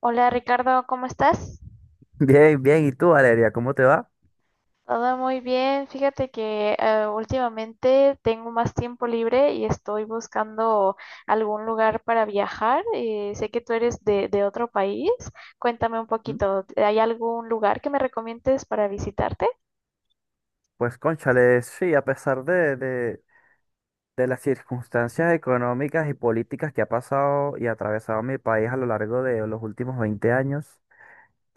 Hola Ricardo, ¿cómo estás? Bien, bien. ¿Y tú, Valeria, cómo te va? Todo muy bien. Fíjate que últimamente tengo más tiempo libre y estoy buscando algún lugar para viajar. Sé que tú eres de otro país. Cuéntame un ¿Mm? poquito, ¿hay algún lugar que me recomiendes para visitarte? Pues cónchale, sí, a pesar de, de las circunstancias económicas y políticas que ha pasado y atravesado mi país a lo largo de los últimos 20 años,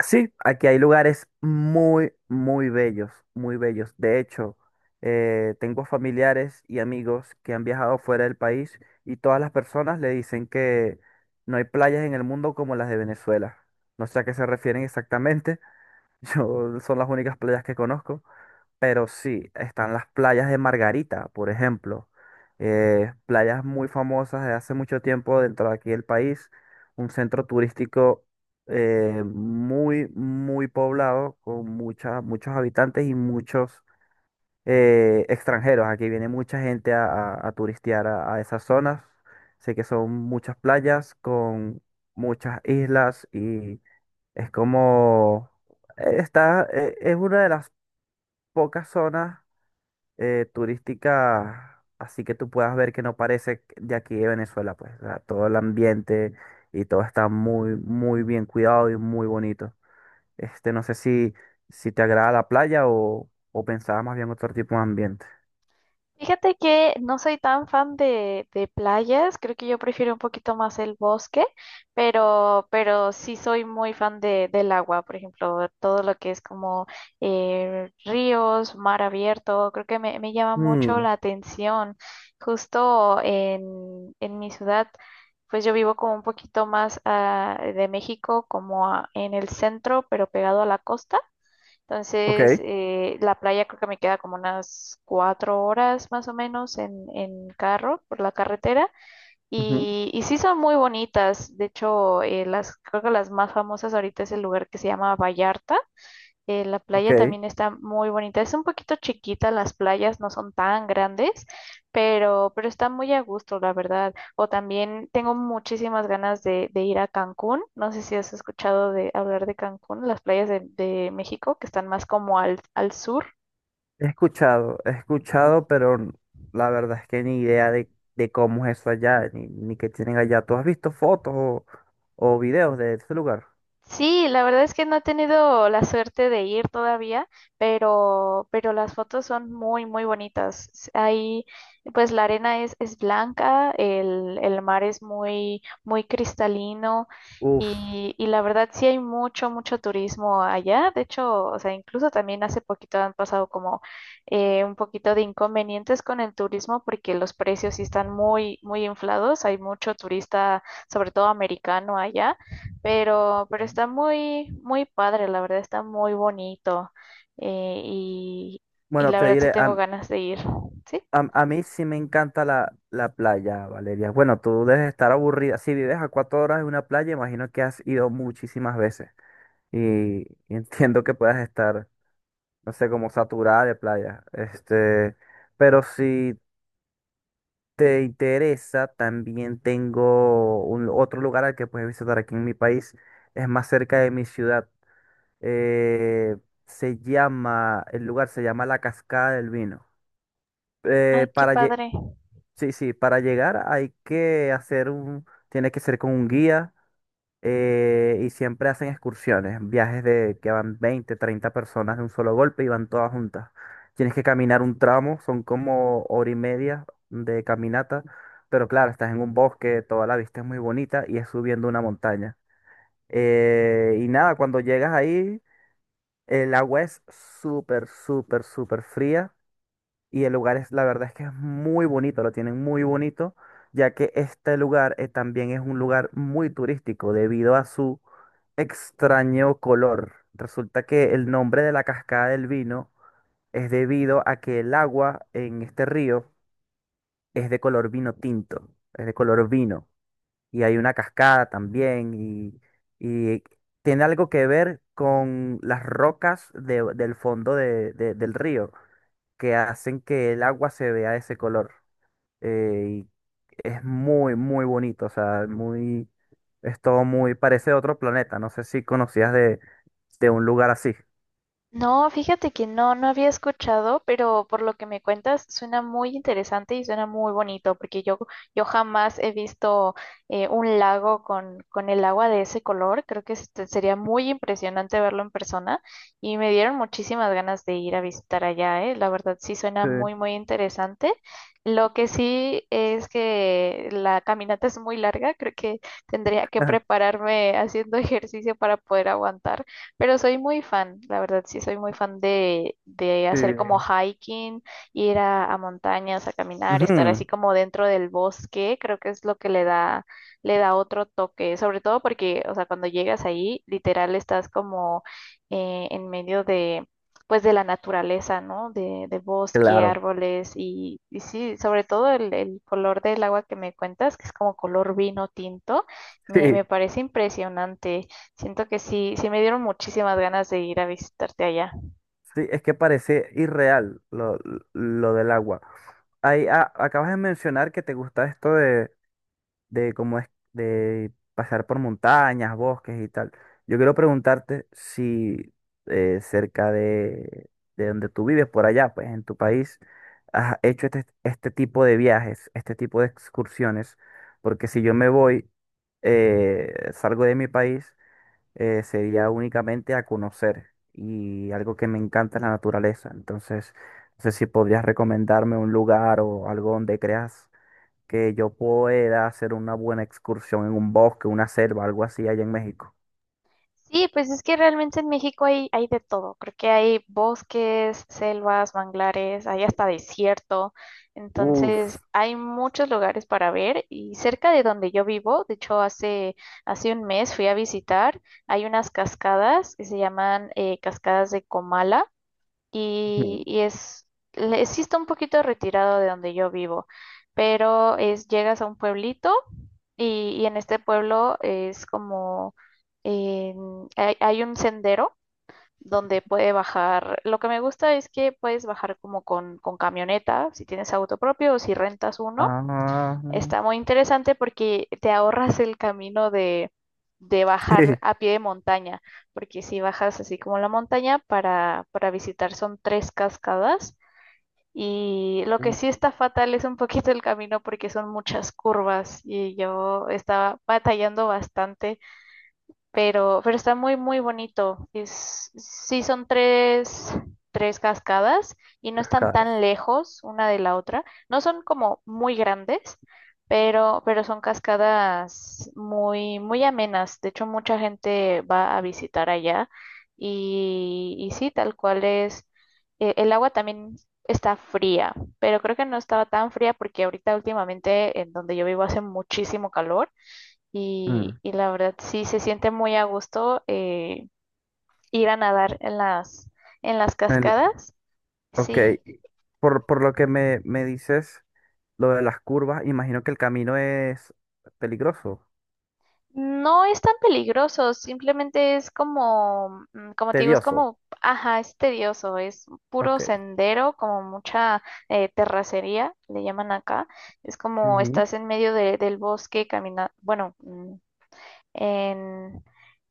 sí, aquí hay lugares muy, muy bellos, muy bellos. De hecho, tengo familiares y amigos que han viajado fuera del país y todas las personas le dicen que no hay playas en el mundo como las de Venezuela. No sé a qué se refieren exactamente. Yo son las únicas playas que conozco, pero sí, están las playas de Margarita, por ejemplo. Playas muy famosas de hace mucho tiempo dentro de aquí del país. Un centro turístico muy, muy poblado, con muchas, muchos habitantes y muchos extranjeros. Aquí viene mucha gente a, a turistear a esas zonas. Sé que son muchas playas con muchas islas, es como, está, es una de las pocas zonas turísticas, así que tú puedas ver que no parece de aquí de Venezuela, pues, o sea, todo el ambiente y todo está muy, muy bien cuidado y muy bonito. Este, no sé si, si te agrada la playa o pensabas más bien otro tipo de ambiente. Fíjate que no soy tan fan de playas, creo que yo prefiero un poquito más el bosque, pero sí soy muy fan del agua, por ejemplo, todo lo que es como ríos, mar abierto, creo que me llama mucho Mm, la atención. Justo en mi ciudad, pues yo vivo como un poquito más de México, como en el centro, pero pegado a la costa. ok, Entonces, la playa creo que me queda como unas 4 horas más o menos en carro por la carretera. ujú, Y sí son muy bonitas. De hecho, creo que las más famosas ahorita es el lugar que se llama Vallarta, la playa ok. también está muy bonita. Es un poquito chiquita, las playas no son tan grandes, pero está muy a gusto, la verdad. O también tengo muchísimas ganas de ir a Cancún. No sé si has escuchado de hablar de Cancún, las playas de México, que están más como al sur. He escuchado, pero la verdad es que ni idea de cómo es eso allá, ni, ni qué tienen allá. ¿Tú has visto fotos o videos de ese lugar? Sí, la verdad es que no he tenido la suerte de ir todavía, pero las fotos son muy, muy bonitas. Ahí, pues la arena es blanca, el mar es muy, muy cristalino Uf. Y la verdad sí hay mucho, mucho turismo allá. De hecho, o sea, incluso también hace poquito han pasado como un poquito de inconvenientes con el turismo porque los precios sí están muy, muy inflados. Hay mucho turista, sobre todo americano allá. Pero eh, está muy, muy padre, la verdad, está muy bonito. eh, y, y Bueno, la te verdad sí diré, tengo a, ganas de ir. Sí, a mí sí me encanta la, la playa, Valeria. Bueno, tú debes estar aburrida. Si vives a 4 horas de una playa, imagino que has ido muchísimas veces. Y, y entiendo que puedas estar, no sé, como saturada de playa. Este, pero sí, te interesa, también tengo otro lugar al que puedes visitar aquí en mi país. Es más cerca de mi ciudad. Eh, Se llama, el lugar se llama La Cascada del Vino. Eh, ay, qué para, lle- padre. sí, sí, para llegar hay que tiene que ser con un guía, y siempre hacen excursiones, viajes de que van 20, 30 personas de un solo golpe y van todas juntas. Tienes que caminar un tramo, son como hora y media de caminata, pero claro, estás en un bosque, toda la vista es muy bonita y es subiendo una montaña. Y nada, cuando llegas ahí, el agua es súper, súper, súper fría y el lugar es, la verdad es que es muy bonito, lo tienen muy bonito, ya que este lugar también es un lugar muy turístico debido a su extraño color. Resulta que el nombre de la Cascada del Vino es debido a que el agua en este río es de color vino tinto, es de color vino. Y hay una cascada también y tiene algo que ver con las rocas del fondo del río que hacen que el agua se vea de ese color. Y es muy, muy bonito, o sea, muy, es todo muy, parece otro planeta. No sé si conocías de un lugar así. No, fíjate que no, no había escuchado, pero por lo que me cuentas suena muy interesante y suena muy bonito, porque yo jamás he visto un lago con el agua de ese color. Creo que este, sería muy impresionante verlo en persona y me dieron muchísimas ganas de ir a visitar allá, ¿eh? La verdad sí suena Sí, muy, muy interesante. Lo que sí es que la caminata es muy larga, creo que tendría que prepararme haciendo ejercicio para poder aguantar. Pero soy muy fan, la verdad, sí soy muy fan de hacer como sí. hiking, ir a montañas, a caminar, estar así Ujú, como dentro del bosque, creo que es lo que le le da otro toque, sobre todo porque, o sea, cuando llegas ahí, literal estás como eh, en medio de, pues de la naturaleza, ¿no? De bosque, claro, árboles y sí, sobre todo el color del agua que me cuentas, que es como color vino tinto, me sí, parece impresionante. Siento que sí, sí me dieron muchísimas ganas de ir a visitarte allá. sí, es que parece irreal lo del agua. Ahí, ah, acabas de mencionar que te gusta esto de cómo es de pasar por montañas, bosques y tal. Yo quiero preguntarte si cerca de donde tú vives, por allá, pues en tu país, has hecho este, este tipo de viajes, este tipo de excursiones, porque si yo me voy, salgo de mi país, sería únicamente a conocer y algo que me encanta es la naturaleza. Entonces, no sé si podrías recomendarme un lugar o algo donde creas que yo pueda hacer una buena excursión en un bosque, una selva, algo así allá en México. Sí, pues es que realmente en México hay de todo. Creo que hay bosques, selvas, manglares, hay hasta desierto. Entonces, Uf. hay muchos lugares para ver y cerca de donde yo vivo, de hecho, hace un mes fui a visitar, hay unas cascadas que se llaman cascadas de Comala y, Ujú, y es, sí está un poquito retirado de donde yo vivo, pero es, llegas a un pueblito y en este pueblo es como, hay un sendero donde puede bajar, lo que me gusta es que puedes bajar como con camioneta, si tienes auto propio o si rentas uno. Está Ah, muy interesante porque te ahorras el camino de bajar sí, a pie de montaña, porque si bajas así como la montaña para visitar son tres cascadas y lo que uf, sí está fatal es un poquito el camino porque son muchas curvas y yo estaba batallando bastante, pero está muy, muy bonito. Es, sí son tres cascadas y no las están tan caras. lejos una de la otra. No son como muy grandes, pero son cascadas muy, muy amenas. De hecho, mucha gente va a visitar allá y sí, tal cual es. El agua también está fría, pero creo que no estaba tan fría porque ahorita últimamente en donde yo vivo hace muchísimo calor Mm. y la verdad sí se siente muy a gusto, ir a nadar en las el- cascadas. ok, Sí, por lo que me dices, lo de las curvas, imagino que el camino es peligroso, no es tan peligroso, simplemente es como, mm, como te digo, es tedioso. como, ajá, es tedioso, es puro Ok. sendero, como mucha terracería, le llaman acá. Es como Ujú, estás en medio del bosque caminando, bueno. En,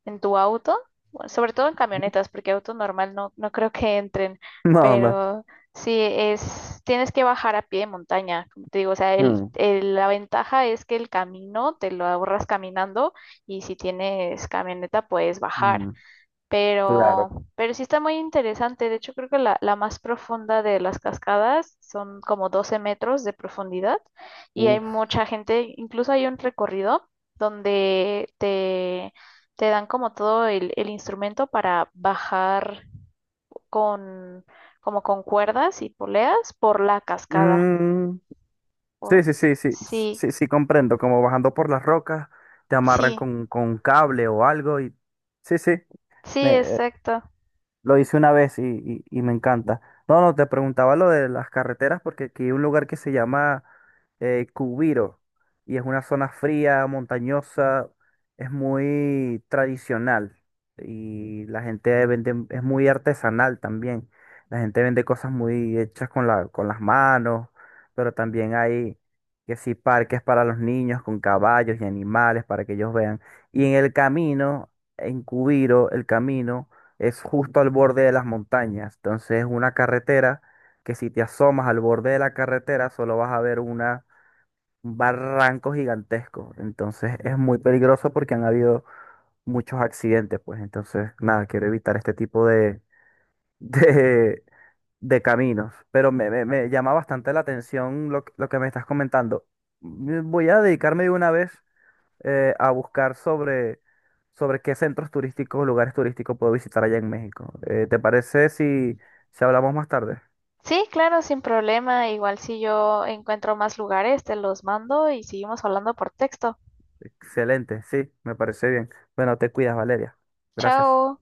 en tu auto, bueno, sobre todo en camionetas, porque auto normal no, no creo que entren, No, no. pero sí es, tienes que bajar a pie de montaña, como te digo, o sea, Ujú, la ventaja es que el camino te lo ahorras caminando y si tienes camioneta puedes bajar. Mm, claro. Pero, pero sí está muy interesante. De hecho, creo que la más profunda de las cascadas son como 12 metros de profundidad y hay Uf. mucha gente, incluso hay un recorrido donde te dan como todo el instrumento para bajar con, como con cuerdas y poleas por la cascada. Mm. O- Sí, sí, sí, sí, sí, sí, sí, comprendo. Como bajando por las rocas, te amarran sí, con un cable o algo y... Sí, sí, sí, me, exacto. lo hice una vez y, y me encanta. No, no, te preguntaba lo de las carreteras porque aquí hay un lugar que se llama Cubiro y es una zona fría, montañosa, es muy tradicional y la gente vende, es muy artesanal también. La gente vende cosas muy hechas con la, con las manos, pero también hay que sí parques para los niños con caballos y animales para que ellos vean. Y en el camino, en Cubiro, el camino es justo al borde de las montañas. Entonces es una carretera que si te asomas al borde de la carretera solo vas a ver un barranco gigantesco. Entonces es muy peligroso porque han habido muchos accidentes, pues. Entonces, nada, quiero evitar este tipo de, de, de caminos. Pero me, me llama bastante la atención lo, lo que me estás comentando. Mm, voy a dedicarme de una vez a buscar sobre, sobre qué centros turísticos o lugares turísticos puedo visitar allá en México. ¿Te parece si, si hablamos más tarde? Sí, claro, sin problema. Igual si yo encuentro más lugares, te los mando y seguimos hablando por texto. Excelente, sí, me parece bien. Bueno, te cuidas, Valeria. Gracias. Chao.